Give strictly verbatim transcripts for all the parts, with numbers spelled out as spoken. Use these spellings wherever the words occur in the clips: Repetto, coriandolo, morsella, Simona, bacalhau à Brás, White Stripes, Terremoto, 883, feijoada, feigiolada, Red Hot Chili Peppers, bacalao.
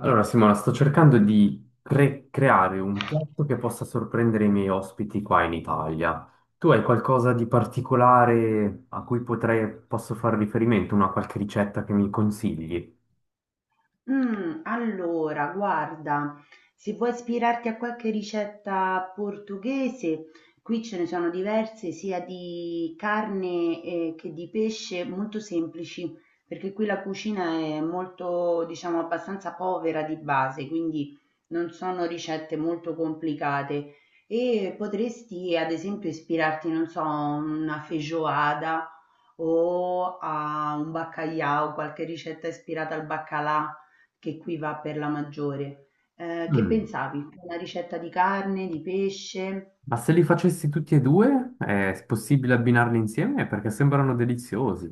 Allora, Simona, sto cercando di cre- creare un piatto che possa sorprendere i miei ospiti qua in Italia. Tu hai qualcosa di particolare a cui potrei, posso fare riferimento, una qualche ricetta che mi consigli? Mh, allora guarda, se vuoi ispirarti a qualche ricetta portoghese, qui ce ne sono diverse sia di carne, ehm, che di pesce, molto semplici, perché qui la cucina è molto diciamo abbastanza povera di base, quindi non sono ricette molto complicate. E potresti ad esempio ispirarti, non so, a una feijoada o a un baccalà, qualche ricetta ispirata al baccalà. Che qui va per la maggiore. Ehm, che Mm. pensavi? Una ricetta di carne, di pesce? Ma se li facessi tutti e due, è possibile abbinarli insieme? Perché sembrano deliziosi.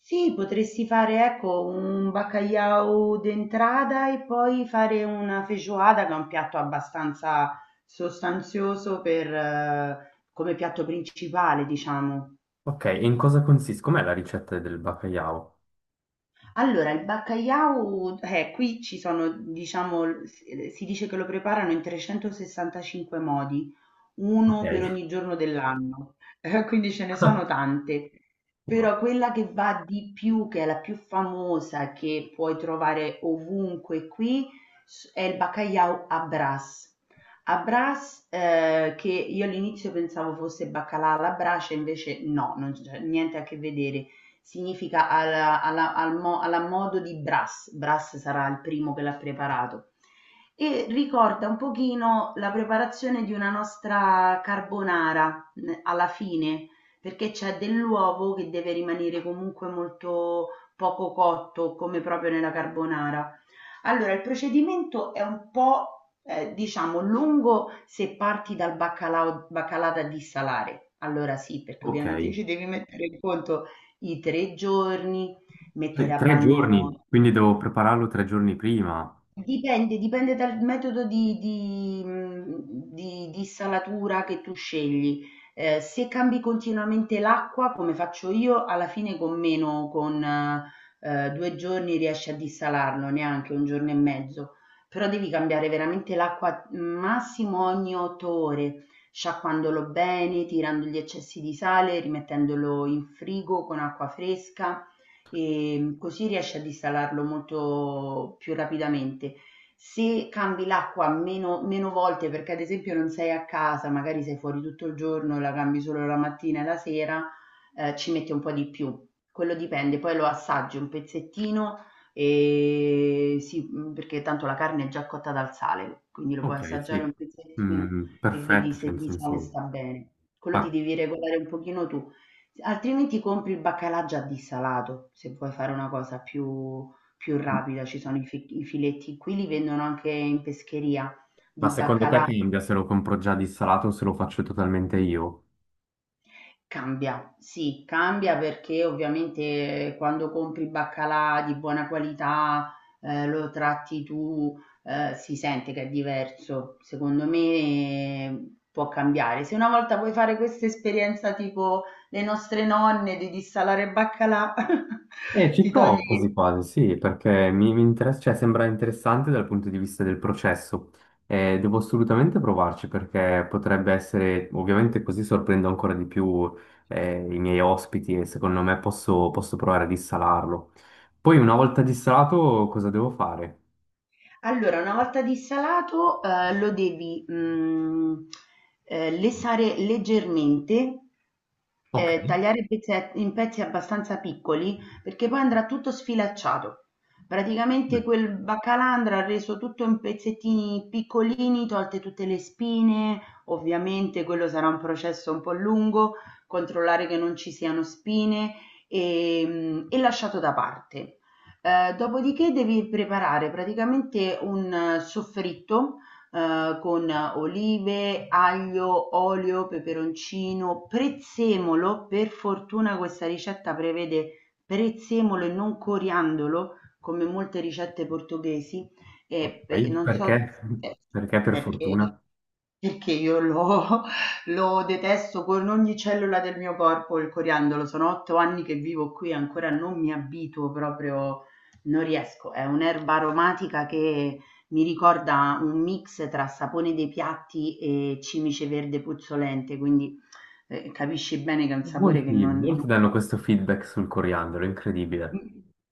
Sì, potresti fare, ecco, un bacalhau d'entrada e poi fare una feijoada, che è un piatto abbastanza sostanzioso per eh, come piatto principale, diciamo. Ok, e in cosa consiste? Com'è la ricetta del bacalao? Allora, il bacalhau, eh, qui ci sono, diciamo, l s ehm, si dice che lo preparano in trecentosessantacinque modi, Ok. uno per ogni giorno dell'anno, quindi ce ne sono tante, Wow. però quella che va di più, che è la più famosa, che puoi trovare ovunque qui, s- è il bacalhau a Brás. A Brás, eh, che io all'inizio pensavo fosse baccalà alla brace, invece no, non c'è niente a che vedere. Significa alla, alla- al mo- alla modo di Brás. Brás sarà il primo che l'ha preparato. E ricorda un pochino la preparazione di una nostra carbonara n- alla fine, perché c'è dell'uovo che deve rimanere comunque molto poco cotto, come proprio nella carbonara. Allora, il procedimento è un po', eh, diciamo, lungo se parti dal baccalà, baccalà da dissalare. Allora sì, perché Ok. ovviamente ci devi mettere in conto i tre giorni, mettere Tre a tre bagno. giorni, quindi devo prepararlo tre giorni prima. Dipende, dipende dal metodo di, di, mh, di- di salatura che tu scegli. Eh, se cambi continuamente l'acqua, come faccio io, alla fine con meno, con eh, due giorni riesci a dissalarlo, neanche un giorno e mezzo. Però devi cambiare veramente l'acqua massimo ogni otto ore, sciacquandolo bene, tirando gli eccessi di sale, rimettendolo in frigo con acqua fresca, ehm, così riesci a installarlo molto più rapidamente. Se cambi l'acqua meno, meno volte, perché ad esempio non sei a casa, magari sei fuori tutto il giorno e la cambi solo la mattina e la sera, eh, ci mette un po' di più. Quello dipende, poi lo assaggi un pezzettino e sì, mh, perché tanto la carne è già cotta dal sale, quindi lo puoi Ok, assaggiare un sì. pezzettino Mm, e vedi perfetto, se cioè nel di sale senso, sta bene. Quello ti ma, devi regolare un pochino tu. Altrimenti compri il baccalà già dissalato, se vuoi fare una cosa più, più rapida, ci sono i, fi- i filetti, qui li vendono anche in pescheria ma di secondo te baccalà, cambia se lo compro già dissalato o se lo faccio totalmente io? cambia, sì, cambia perché ovviamente eh, quando compri baccalà di buona qualità, eh, lo tratti tu, eh, si sente che è diverso, secondo me, eh, può cambiare. Se una volta vuoi fare questa esperienza tipo le nostre nonne di dissalare baccalà, Eh, ci ti togli. provo quasi quasi, sì, perché mi, mi interessa, cioè, sembra interessante dal punto di vista del processo. Eh, devo assolutamente provarci perché potrebbe essere, ovviamente così sorprendo ancora di più eh, i miei ospiti e secondo me posso, posso provare a dissalarlo. Poi una volta dissalato cosa devo fare? Allora, una volta dissalato, ehm, lo devi, mhmm, ehm, lesare leggermente, Ok. ehm, tagliare pezze in pezzi abbastanza piccoli, perché poi andrà tutto sfilacciato. Praticamente quel baccalà andrà reso tutto in pezzettini piccolini, tolte tutte le spine, ovviamente quello sarà un processo un po' lungo, controllare che non ci siano spine, ehm, e lasciato da parte. Ehm, dopodiché devi preparare praticamente un eh, soffritto, ehm, con olive, aglio, olio, peperoncino, prezzemolo. Per fortuna questa ricetta prevede prezzemolo e non coriandolo, come molte ricette portoghesi, Ok, e pe non so. perché? eh, Perché per perché fortuna perché io lo lo detesto con ogni cellula del mio corpo, il coriandolo. Sono otto anni che vivo qui e ancora non mi abituo proprio, non riesco. È un'erba aromatica che mi ricorda un mix tra sapone dei piatti e cimice verde puzzolente, quindi, ehm, capisci bene che è un sapore che molti, non molti danno questo feedback sul coriandolo, incredibile.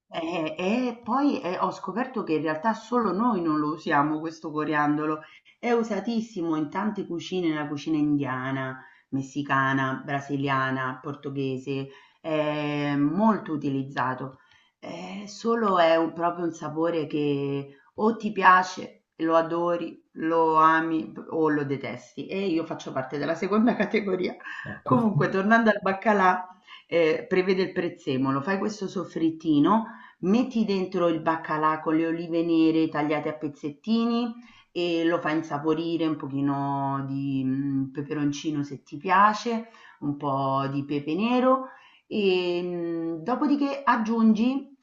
e, e poi eh, ho scoperto che in realtà solo noi non lo usiamo questo coriandolo, è usatissimo in tante cucine, nella cucina indiana, messicana, brasiliana, portoghese, è molto utilizzato. Eh, solo è un- proprio un sapore che o ti piace, lo adori, lo ami o lo detesti. E io faccio parte della seconda categoria. Ecco. Comunque, tornando al baccalà, eh, prevede il prezzemolo, fai questo soffrittino, metti dentro il baccalà con le olive nere tagliate a pezzettini e lo fai insaporire un pochino di mm, peperoncino se ti piace, un po' di pepe nero e mm, dopodiché aggiungi,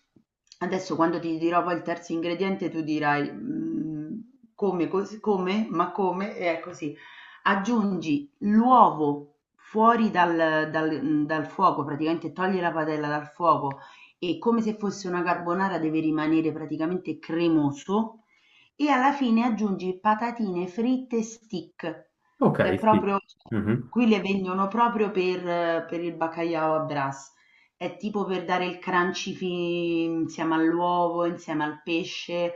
adesso quando ti dirò poi il terzo ingrediente tu dirai mm, come, cos- come, ma come, e è così aggiungi l'uovo fuori dal dal dal fuoco, praticamente toglie la padella dal fuoco e come se fosse una carbonara deve rimanere praticamente cremoso e alla fine aggiungi patatine fritte stick, Ok, che è sì. proprio, Mhm. qui le vendono proprio per per il baccalà à brace. È tipo per dare il crunchy fi insieme all'uovo, insieme al pesce,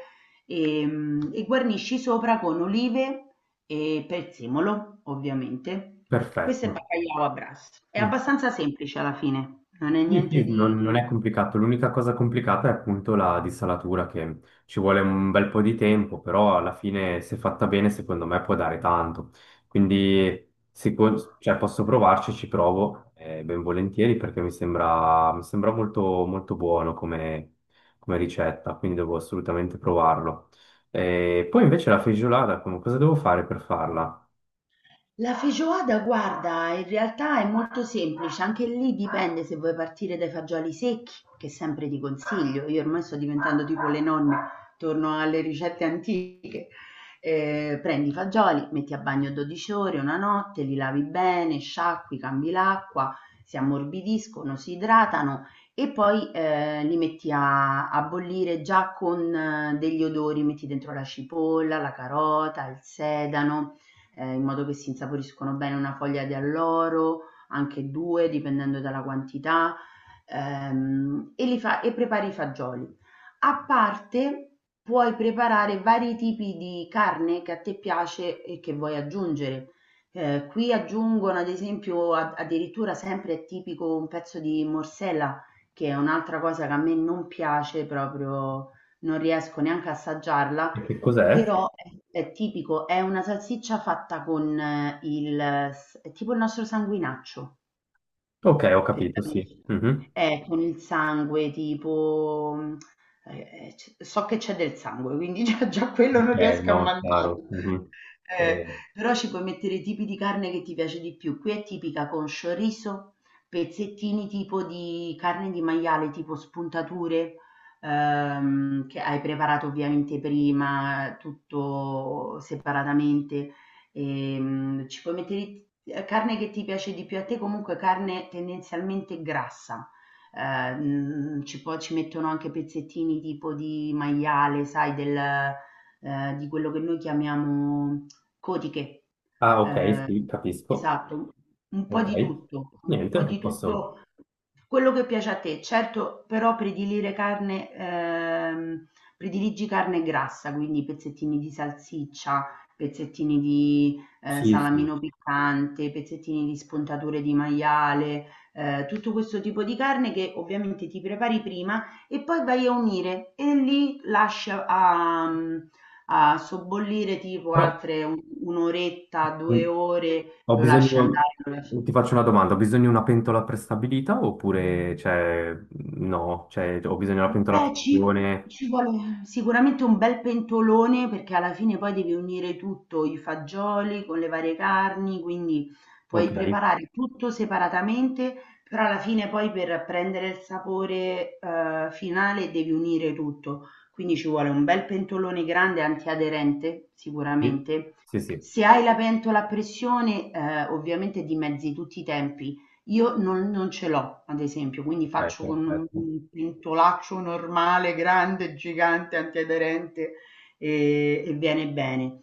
ehm, e guarnisci sopra con olive e prezzemolo, ovviamente. Questo è Perfetto. bacalhau à Brás. È Mm. abbastanza semplice alla fine, non è Sì, niente sì, non, non di. è complicato. L'unica cosa complicata è appunto la dissalatura, che ci vuole un bel po' di tempo, però alla fine, se fatta bene, secondo me può dare tanto. Quindi, sicu- cioè, posso provarci, ci provo, eh, ben volentieri, perché mi sembra, mi sembra molto, molto buono come, come ricetta, quindi devo assolutamente provarlo. E poi invece la feigiolada, come- cosa devo fare per farla? La feijoada guarda, in realtà è molto semplice, anche lì dipende se vuoi partire dai fagioli secchi, che sempre ti consiglio. Io ormai sto diventando tipo le nonne, torno alle ricette antiche. Eh, prendi i fagioli, metti a bagno dodici ore, una notte, li lavi bene, sciacqui, cambi l'acqua, si ammorbidiscono, si idratano e poi eh, li metti a, a bollire già con eh, degli odori, metti dentro la cipolla, la carota, il sedano, eh, in modo che si insaporiscono bene, una foglia di alloro, anche due, dipendendo dalla quantità, ehm, e, li fa- e prepari i fagioli. A parte puoi preparare vari tipi di carne che a te piace e che vuoi aggiungere. Eh, qui aggiungono ad esempio a- addirittura sempre è tipico un pezzo di morsella, che è un'altra cosa che a me non piace proprio, non riesco neanche a assaggiarla, E che cos'è? però è, è tipico, è una salsiccia fatta con eh, il, s- è tipo il nostro sanguinaccio. Ok, ho Per capito, sì. capirci. Mhm. Eh, con il sangue tipo, mhmm, ehm, c so che c'è del sangue, quindi già già quello Ok, non riesco a no, chiaro. mangiarlo. Mhm. Eh, Eh, Però ci puoi mettere i tipi di carne che ti piace di più. Qui è tipica con chorizo, pezzettini tipo di carne di maiale, tipo spuntature, ehm, che hai preparato ovviamente prima, tutto separatamente. Ehm, ci puoi mettere ehm, carne che ti piace di più a te, comunque carne tendenzialmente grassa. Ehm, ci può ci mettono anche pezzettini tipo di maiale, sai, del, eh, di quello che noi chiamiamo cotiche. ah, ok, sì, Ehm, capisco. esatto, un po' di Ok, tutto, un po' niente, vi di posso. tutto quello che piace a te. Certo, però predilire carne, ehm, prediligi carne grassa, quindi pezzettini di salsiccia, pezzettini di, ehm, Sì, sì. salamino piccante, pezzettini di spuntature di maiale, ehm, tutto questo tipo di carne che ovviamente ti prepari prima e poi vai a unire e lì lasci a mhmm, a sobbollire tipo Però altre u un' oretta, mm, due ore, ho lo lasci bisogno. andare, lo lasci. Ti faccio una domanda: ho bisogno di una pentola prestabilita oppure cioè, no? Cioè, ho bisogno di una pentola a Beh, ci, pressione. ci vuole sicuramente un bel pentolone perché alla fine poi devi unire tutto, i fagioli con le varie carni, quindi puoi Ok, preparare tutto separatamente, però alla fine poi per prendere il sapore eh, finale devi unire tutto. Quindi ci vuole un bel pentolone grande antiaderente, sì, sicuramente. sì, sì. Se hai la pentola a pressione, eh, ovviamente dimezzi tutti i tempi. Io non non ce l'ho, ad esempio, quindi Ok, faccio con un perfetto. un pentolaccio normale, grande, gigante, antiaderente, ehm, e viene bene.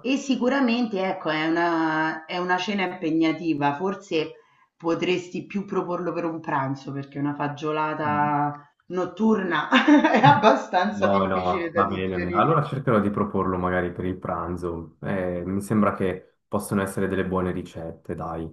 E sicuramente, ecco, è una è una cena impegnativa, forse potresti più proporlo per un pranzo, perché una fagiolata notturna è abbastanza No, difficile no, da va bene. Allora digerire. cercherò di proporlo magari per il pranzo. Eh, mi sembra che possono essere delle buone ricette, dai.